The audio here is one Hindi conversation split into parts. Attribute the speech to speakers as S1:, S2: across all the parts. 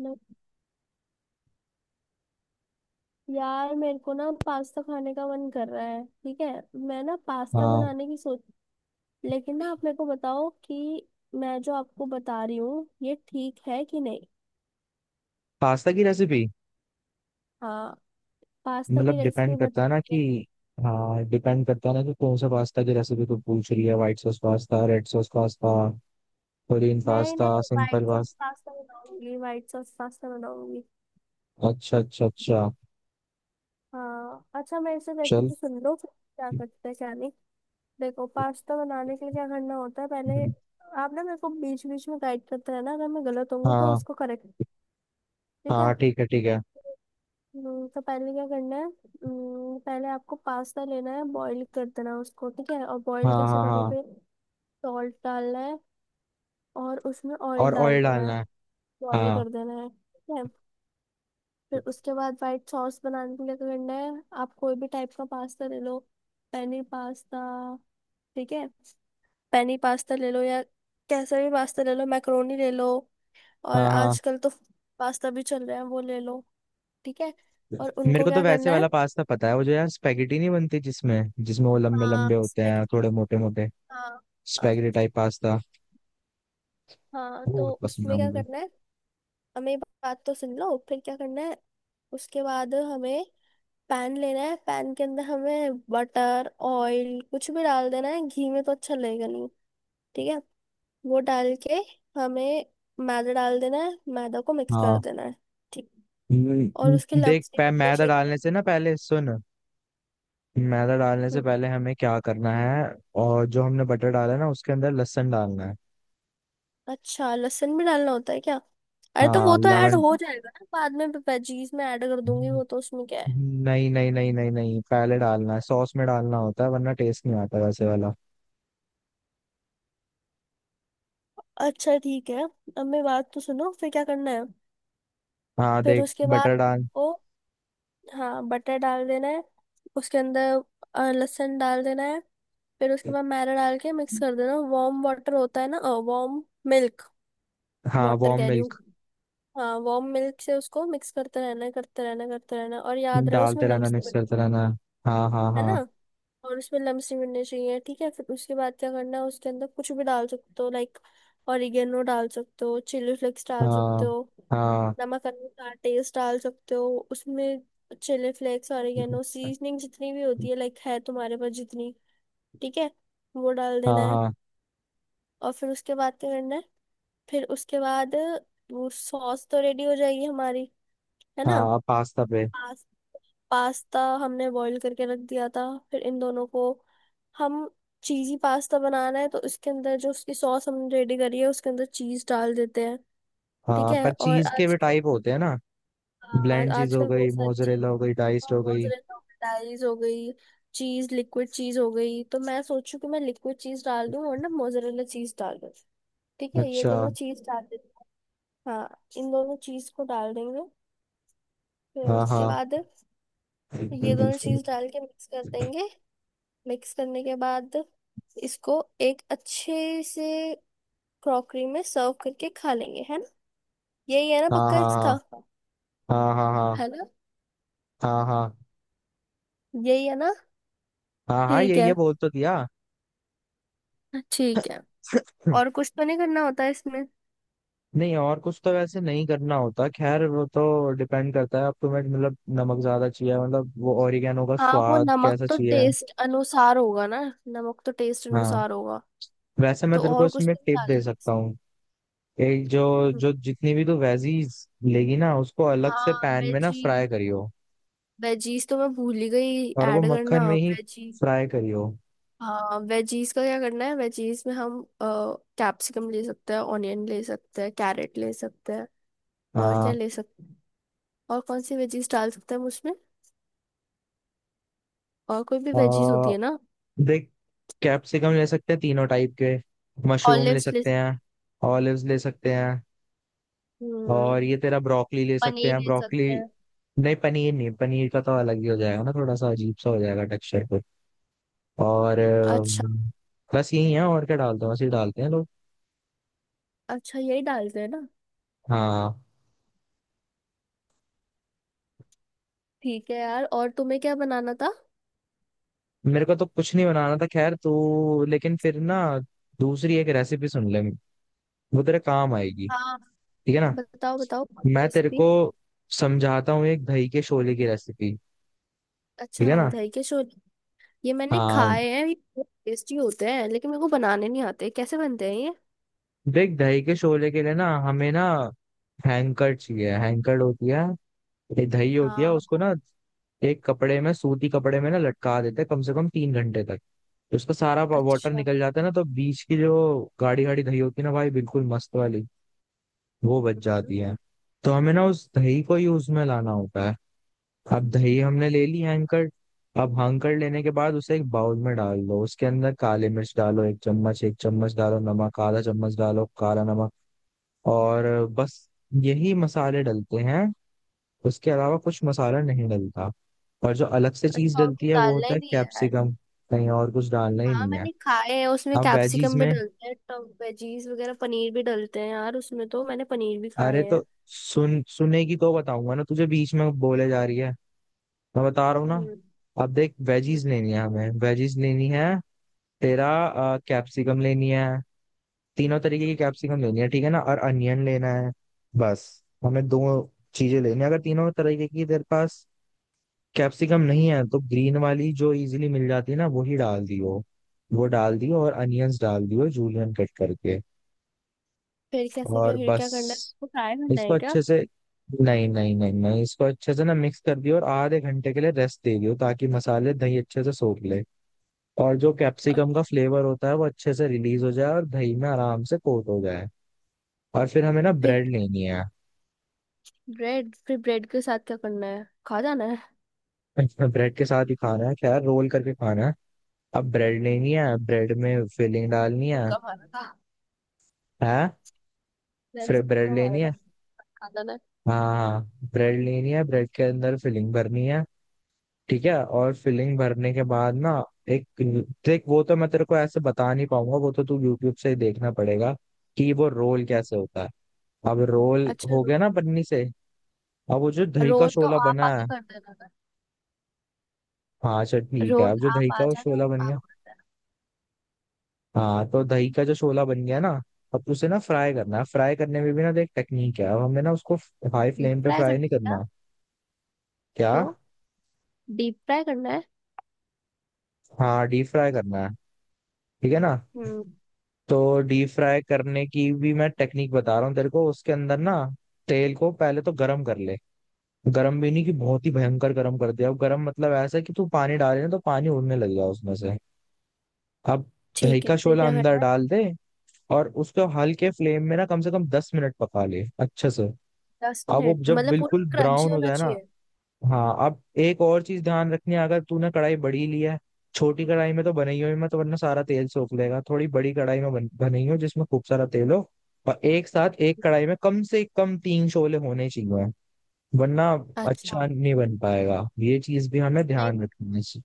S1: न- यार मेरे को ना पास्ता खाने का मन कर रहा है। ठीक है, मैं ना पास्ता
S2: हाँ।
S1: बनाने की सोच। लेकिन ना आप मेरे को बताओ कि मैं जो आपको बता रही हूँ ये ठीक है कि नहीं।
S2: पास्ता की रेसिपी।
S1: हाँ, पास्ता की
S2: मतलब
S1: रेसिपी
S2: डिपेंड करता
S1: बता।
S2: है ना कि हाँ डिपेंड करता है ना कि कौन सा पास्ता की रेसिपी तो पूछ रही है। White sauce pasta, red sauce pasta, plain
S1: नहीं
S2: पास्ता,
S1: नहीं, white
S2: simple
S1: sauce
S2: pasta.
S1: Pasta बनाऊंगी, व्हाइट सॉस पास्ता बनाऊंगी।
S2: अच्छा अच्छा अच्छा।
S1: हाँ, अच्छा, मेरे से
S2: चल।
S1: रेसिपी सुन लो, फिर क्या करते हैं क्या नहीं। देखो, पास्ता बनाने के लिए क्या करना होता है पहले। आप ना मेरे को बीच बीच में गाइड करते रहना, अगर मैं गलत होंगी तो
S2: हाँ
S1: उसको करेक्ट। ठीक है।
S2: हाँ, ठीक है ठीक है।
S1: तो पहले क्या करना है। पहले आपको पास्ता लेना है, बॉईल कर देना है उसको। ठीक है, और बॉईल
S2: हाँ
S1: कैसे
S2: हाँ हाँ।
S1: करोगे। सॉल्ट डालना है और उसमें ऑयल
S2: और
S1: डाल
S2: ऑयल
S1: देना है।
S2: डालना है।
S1: बॉईल
S2: हाँ
S1: कर देना है। ठीक है। फिर उसके बाद वाइट सॉस बनाने के लिए क्या करना है, आप कोई भी टाइप का पास्ता ले लो। Penne pasta. ठीक है। पेनी पास्ता ले लो, या कैसा भी पास्ता ले लो, मैक्रोनी ले लो। और
S2: हाँ हाँ।
S1: आजकल तो पास्ता भी चल रहे हैं, वो ले लो। ठीक है। और
S2: मेरे
S1: उनको
S2: को तो
S1: क्या
S2: वैसे
S1: करना है।
S2: वाला पास्ता पता है, वो जो यार स्पेगेटी नहीं बनती जिसमें जिसमें वो लंबे
S1: हाँ हाँ
S2: लंबे होते हैं, थोड़े मोटे मोटे।
S1: हाँ।
S2: Spaghetti type pasta.
S1: हाँ,
S2: वो
S1: तो
S2: बहुत पसंद है
S1: उसमें क्या
S2: मुझे।
S1: करना है। हमें बात तो सुन लो फिर क्या करना है। उसके बाद हमें पैन लेना है, पैन के अंदर हमें बटर ऑयल कुछ भी डाल देना है, घी में तो अच्छा लगेगा नहीं। ठीक है। वो डाल के हमें मैदा डाल देना है, मैदा को मिक्स कर
S2: हाँ।
S1: देना है। ठीक, और उसके
S2: देख
S1: लम्स नहीं पड़ने
S2: मैदा
S1: चाहिए।
S2: डालने से ना पहले सुन। मैदा डालने से
S1: हम्म।
S2: पहले हमें क्या करना है। और जो हमने बटर डाला है ना उसके अंदर लहसुन डालना है।
S1: अच्छा, लहसुन भी डालना होता है क्या। अरे तो
S2: हाँ
S1: वो तो ऐड
S2: लेमन।
S1: हो जाएगा ना बाद में, वेजीज में ऐड कर दूंगी, वो तो उसमें क्या है।
S2: नहीं नहीं नहीं नहीं नहीं, पहले डालना है। सॉस में डालना होता है वरना टेस्ट नहीं आता वैसे वाला।
S1: अच्छा, ठीक है। अब मेरी बात तो सुनो फिर क्या करना है।
S2: हाँ
S1: फिर
S2: देख
S1: उसके बाद
S2: बटर डाल।
S1: आपको, हाँ, बटर डाल देना है, उसके अंदर लहसुन डाल देना है। फिर उसके बाद मैदा डाल के मिक्स कर देना, वार्म वाटर होता है ना। वार्म मिल्क,
S2: हाँ
S1: वाटर
S2: वार्म
S1: कह रही
S2: मिल्क।
S1: हूँ। हाँ, वार्म मिल्क से उसको मिक्स करते रहना है, करते रहना है, करते रहना है। और याद रहे उसमें
S2: डालते रहना,
S1: लम्स है
S2: मिक्स करते रहना। हाँ हाँ
S1: ना,
S2: हाँ।
S1: और उसमें लम्स नहीं मिलने चाहिए। ठीक है। फिर उसके बाद क्या करना है, उसके अंदर कुछ भी डाल सकते हो, लाइक ऑरिगेनो डाल सकते हो, चिली फ्लेक्स डाल सकते
S2: हाँ
S1: हो,
S2: हाँ।
S1: नमक अनुसार टेस्ट डाल सकते हो उसमें। चिली फ्लेक्स, ऑरिगेनो, सीजनिंग, जितनी भी होती है लाइक है तुम्हारे पास जितनी। ठीक है। वो डाल देना
S2: हाँ
S1: है।
S2: हाँ
S1: और फिर उसके बाद क्या करना है। फिर उसके बाद वो सॉस तो रेडी हो जाएगी हमारी, है ना।
S2: हाँ हाँ, पास्ता पे।
S1: पास्ता हमने बॉईल करके रख दिया था, फिर इन दोनों को हम, चीज़ी पास्ता बनाना है तो इसके अंदर जो उसकी सॉस हमने रेडी करी है उसके अंदर चीज़ डाल देते हैं। ठीक
S2: हाँ
S1: है।
S2: पर
S1: और
S2: चीज के भी
S1: आज,
S2: टाइप होते हैं ना। ब्लेंड चीज हो
S1: आजकल
S2: गई,
S1: बहुत सारी चीज़,
S2: मोजरेला हो गई, डाइस्ड हो गई।
S1: मोज़रेला डाइज हो गई, चीज़ लिक्विड चीज़ हो गई, तो मैं सोचू कि मैं लिक्विड चीज़ डाल दूं और ना मोज़रेला चीज़ डाल दूं। ठीक है, ये
S2: अच्छा।
S1: दोनों चीज़ डाल देते हैं। हाँ, इन दोनों चीज़ को डाल देंगे। फिर
S2: हाँ
S1: उसके
S2: हाँ
S1: बाद ये दोनों चीज़ डाल के मिक्स कर देंगे। मिक्स करने के बाद इसको एक अच्छे से क्रॉकरी में सर्व करके खा लेंगे, है ना। यही है ना
S2: हाँ
S1: पक्का इसका।
S2: हाँ। हाँ हाँ हाँ हाँ।
S1: है ना।
S2: हाँ हाँ।
S1: यही है ना।
S2: हाँ हाँ,
S1: ठीक
S2: यही है
S1: है।
S2: बोल तो दिया।
S1: ठीक है।
S2: हम्म।
S1: और कुछ तो नहीं करना होता है इसमें।
S2: नहीं और कुछ तो वैसे नहीं करना होता। खैर वो तो डिपेंड करता है अब तुम्हें, मतलब नमक ज्यादा चाहिए, मतलब वो ओरिगेनो का
S1: हाँ, वो
S2: स्वाद
S1: नमक
S2: कैसा
S1: तो
S2: चाहिए।
S1: टेस्ट अनुसार होगा ना। नमक तो टेस्ट
S2: हाँ।
S1: अनुसार होगा।
S2: वैसे मैं
S1: तो
S2: तेरे को
S1: और कुछ
S2: इसमें
S1: तो नहीं
S2: टिप दे
S1: डालना
S2: सकता
S1: इसमें।
S2: हूँ। एक जो
S1: हम्म,
S2: जो जितनी भी तू वेजीज लेगी ना उसको अलग से
S1: हाँ,
S2: पैन में ना
S1: वेजी,
S2: फ्राई करियो।
S1: वेजीज तो मैं भूल ही गई
S2: और वो
S1: ऐड
S2: मक्खन
S1: करना,
S2: में ही
S1: वेजी।
S2: फ्राई करियो।
S1: हाँ, वेजीज का क्या करना है। वेजीज में हम कैप्सिकम ले सकते हैं, ऑनियन ले सकते हैं, कैरेट ले सकते हैं, और क्या
S2: हाँ।
S1: ले सकते हैं। और कौन सी वेजीज डाल सकते हैं हम उसमें। और कोई भी वेजीज होती
S2: आ,
S1: है ना।
S2: देख कैप्सिकम ले सकते हैं तीनों टाइप के। मशरूम ले
S1: ऑलिव्स ले।
S2: सकते हैं। ऑलिव्स ले सकते हैं।
S1: हम्म।
S2: और ये तेरा ब्रोकली ले सकते
S1: पनीर
S2: हैं,
S1: ले
S2: ब्रोकली।
S1: सकते हैं।
S2: नहीं पनीर नहीं, पनीर का तो अलग ही हो जाएगा ना, थोड़ा सा अजीब सा हो जाएगा टेक्सचर पे। और
S1: अच्छा।
S2: बस यही है। और क्या डालते हैं, बस ये डालते हैं लोग।
S1: अच्छा, यही डालते हैं ना।
S2: हाँ।
S1: ठीक है यार, और तुम्हें क्या बनाना था।
S2: मेरे को तो कुछ नहीं बनाना था, खैर तो। लेकिन फिर ना दूसरी एक रेसिपी सुन ले, वो तेरे काम आएगी।
S1: हाँ।
S2: ठीक है ना।
S1: बताओ बताओ।
S2: मैं तेरे
S1: रेसिपी।
S2: को समझाता हूँ एक दही के शोले की रेसिपी।
S1: अच्छा,
S2: ठीक है
S1: हाँ,
S2: ना।
S1: दही के छोले। ये मैंने
S2: हाँ
S1: खाए हैं, ये बहुत टेस्टी होते हैं लेकिन मेरे को बनाने नहीं आते, कैसे बनते हैं ये।
S2: देख दही के शोले के लिए ना हमें ना हैंकर चाहिए। हैंकर होती है, ये दही होती है उसको
S1: हाँ।
S2: ना एक कपड़े में सूती कपड़े में ना लटका देते हैं कम से कम 3 घंटे तक। तो उसका सारा वाटर
S1: अच्छा।
S2: निकल जाता है ना, तो बीच की जो गाढ़ी गाढ़ी दही होती है ना भाई बिल्कुल मस्त वाली, वो बच
S1: हम्म,
S2: जाती है। तो हमें ना उस दही को ही उसमें लाना होता है। अब दही हमने ले ली, हैंकर। अब हैंकर लेने के बाद उसे एक बाउल में डाल दो, उसके अंदर काली मिर्च डालो, एक चम्मच डालो, नमक आधा चम्मच डालो, काला नमक। और बस यही मसाले डलते हैं, उसके अलावा कुछ मसाला नहीं डलता। और जो अलग से चीज
S1: अच्छा, और
S2: डलती
S1: कुछ
S2: है वो
S1: डालना
S2: होता
S1: ही
S2: है
S1: नहीं है यार।
S2: कैप्सिकम। कहीं और कुछ डालना ही
S1: हाँ,
S2: नहीं है।
S1: मैंने खाए हैं उसमें
S2: अब वेजीज
S1: कैप्सिकम भी
S2: में,
S1: डलते हैं तो वेजीज वगैरह, पनीर भी डलते हैं यार उसमें, तो मैंने पनीर भी खाए
S2: अरे तो
S1: हैं।
S2: सुन, सुनेगी तो बताऊंगा ना तुझे, बीच में बोले जा रही है। मैं बता रहा हूँ ना।
S1: हम्म
S2: अब देख वेजीज लेनी है, हमें वेजीज लेनी है तेरा। कैप्सिकम लेनी है, तीनों तरीके की कैप्सिकम लेनी है ठीक है ना, और अनियन लेना है। बस हमें दो चीजें लेनी है। अगर तीनों तरीके की तेरे पास कैप्सिकम नहीं है तो ग्रीन वाली जो इजीली मिल जाती है ना वही डाल दियो। वो डाल दियो और अनियंस डाल दियो, जूलियन कट करके।
S1: फिर कैसे क्या,
S2: और
S1: फिर
S2: बस
S1: क्या करना है, वो फ्राई करना
S2: इसको
S1: है क्या।
S2: अच्छे से, नहीं नहीं नहीं नहीं, इसको अच्छे से ना मिक्स कर दियो और आधे घंटे के लिए रेस्ट दे दियो ताकि मसाले दही अच्छे से सोख ले। और जो
S1: और
S2: कैप्सिकम का फ्लेवर होता है वो अच्छे से रिलीज हो जाए और दही में आराम से कोट हो जाए। और फिर हमें ना
S1: फिर
S2: ब्रेड लेनी है।
S1: ब्रेड। फिर ब्रेड के साथ क्या करना है, खा जाना है।
S2: ब्रेड के साथ ही खाना है खैर, रोल करके खाना है। अब ब्रेड लेनी है, ब्रेड में फिलिंग डालनी है।
S1: तुक्का मारा था।
S2: है।
S1: मैंने
S2: फिर
S1: तो
S2: ब्रेड
S1: तुक्का मारा
S2: लेनी
S1: था।
S2: है।
S1: खा जाना है।
S2: हाँ हाँ, हाँ। ब्रेड लेनी है, ब्रेड के अंदर फिलिंग भरनी है। ठीक है। और फिलिंग भरने के बाद ना एक, देख वो तो मैं तेरे को ऐसे बता नहीं पाऊंगा, वो तो तू यूट्यूब से ही देखना पड़ेगा कि वो रोल कैसे होता है। अब रोल
S1: अच्छा,
S2: हो गया ना पन्नी से। अब वो जो दही का
S1: रोल तो
S2: शोला
S1: आप
S2: बना
S1: आके
S2: है।
S1: कर देना ना,
S2: हाँ अच्छा ठीक है,
S1: रोल
S2: अब जो दही
S1: आप
S2: का
S1: आ
S2: वो
S1: जाना,
S2: शोला बन
S1: आप
S2: गया।
S1: कर देना।
S2: हाँ तो दही का जो शोला बन गया ना, अब उसे ना फ्राई करना है। फ्राई करने में भी ना देख टेक्निक है। अब हमें ना उसको हाई
S1: डीप
S2: फ्लेम पे
S1: फ्राई
S2: फ्राई
S1: करना
S2: नहीं
S1: है क्या?
S2: करना। क्या।
S1: तो डीप फ्राई करना
S2: हाँ डीप फ्राई करना है। ठीक है ना।
S1: है।
S2: तो डीप फ्राई करने की भी मैं टेक्निक बता रहा हूँ तेरे को। उसके अंदर ना तेल को पहले तो गरम कर ले। गरम भी नहीं कि बहुत ही भयंकर गरम कर दिया, अब गरम मतलब ऐसा कि तू पानी डाले ना तो पानी उड़ने लग जाए उसमें से। अब दही
S1: ठीक है।
S2: का
S1: फिर
S2: शोला
S1: क्या
S2: अंदर
S1: करना है।
S2: डाल दे और उसको हल्के फ्लेम में ना कम से कम 10 मिनट पका ले अच्छे से।
S1: दस
S2: अब वो
S1: मिनट
S2: जब
S1: मतलब पूरा
S2: बिल्कुल
S1: क्रंची
S2: ब्राउन हो
S1: होना
S2: जाए ना।
S1: चाहिए।
S2: हाँ अब एक और चीज ध्यान रखनी है, अगर तूने कढ़ाई बड़ी ली है। छोटी कढ़ाई में तो बनाई हुई मत, वरना सारा तेल सोख लेगा। थोड़ी बड़ी कढ़ाई में बनाई हो जिसमें खूब सारा तेल हो। और एक साथ एक कढ़ाई में कम से कम तीन शोले होने चाहिए, वरना
S1: अच्छा।
S2: अच्छा नहीं बन पाएगा। ये चीज भी हमें
S1: नहीं,
S2: ध्यान रखना है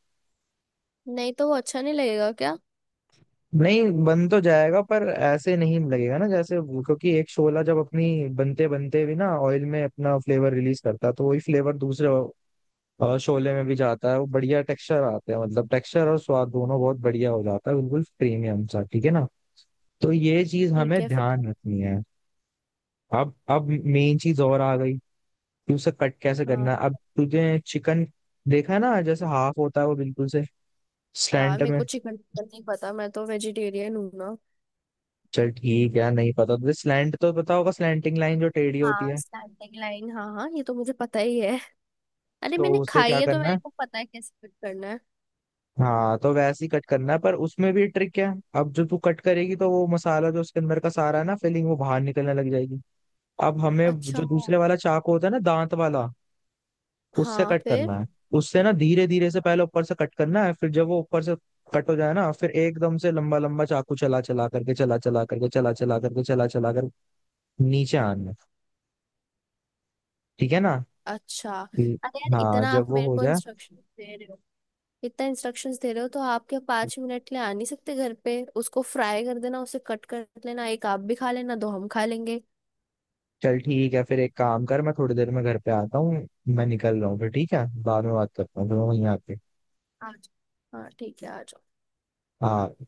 S1: नहीं तो वो अच्छा नहीं लगेगा क्या।
S2: नहीं बन तो जाएगा पर ऐसे नहीं लगेगा ना जैसे क्योंकि एक शोला जब अपनी बनते बनते भी ना ऑयल में अपना फ्लेवर रिलीज करता है, तो वही फ्लेवर दूसरे और शोले में भी जाता है। वो बढ़िया टेक्सचर आते हैं, मतलब टेक्सचर और स्वाद दोनों बहुत बढ़िया हो जाता है, बिल्कुल प्रीमियम सा। ठीक है ना। तो ये चीज
S1: ठीक
S2: हमें
S1: है। फिर।
S2: ध्यान रखनी है। अब मेन चीज और आ गई कि उसे कट कैसे
S1: हाँ।
S2: करना है। अब तुझे चिकन देखा है ना, जैसे हाफ होता है, वो बिल्कुल से
S1: यार
S2: स्लैंट
S1: मेरे
S2: में।
S1: को चिकन चिकन नहीं पता, मैं तो वेजिटेरियन हूँ ना।
S2: चल ठीक है, नहीं पता तुझे, स्लैंट तो पता होगा, स्लैंटिंग लाइन जो टेढ़ी होती
S1: हाँ,
S2: है।
S1: स्टैटिक लाइन, हाँ हाँ, ये तो मुझे पता ही है। अरे
S2: तो
S1: मैंने
S2: उसे
S1: खाई
S2: क्या
S1: है तो
S2: करना
S1: मेरे
S2: है।
S1: को पता है कैसे फिट करना है।
S2: हाँ तो वैसे ही कट करना है पर उसमें भी ट्रिक है। अब जो तू कट करेगी तो वो मसाला जो उसके अंदर का सारा है ना फिलिंग, वो बाहर निकलने लग जाएगी। अब हमें
S1: अच्छा।
S2: जो दूसरे वाला चाकू होता है ना, दांत वाला, उससे
S1: हाँ।
S2: कट
S1: फिर।
S2: करना है। उससे ना धीरे धीरे से पहले ऊपर से कट करना है। फिर जब वो ऊपर से कट हो जाए ना, फिर एकदम से लंबा लंबा चाकू चला चला करके चला चला करके चला चला करके चला चला कर नीचे आना है। ठीक है ना।
S1: अच्छा।
S2: ठीक।
S1: अरे यार,
S2: हाँ
S1: इतना
S2: जब
S1: आप
S2: वो
S1: मेरे
S2: हो
S1: को
S2: जाए।
S1: इंस्ट्रक्शन दे रहे हो, इतना इंस्ट्रक्शंस दे रहे हो, तो आप क्या 5 मिनट के लिए आ नहीं सकते घर पे, उसको फ्राई कर देना, उसे कट कर लेना, एक आप भी खा लेना, दो हम खा लेंगे।
S2: चल ठीक है, फिर एक काम कर, मैं थोड़ी देर में घर पे आता हूँ। मैं निकल रहा हूँ फिर, ठीक है बाद में बात करता हूँ, फिर मैं वहीं आके।
S1: आज। हाँ ठीक है, आ जाओ।
S2: हाँ।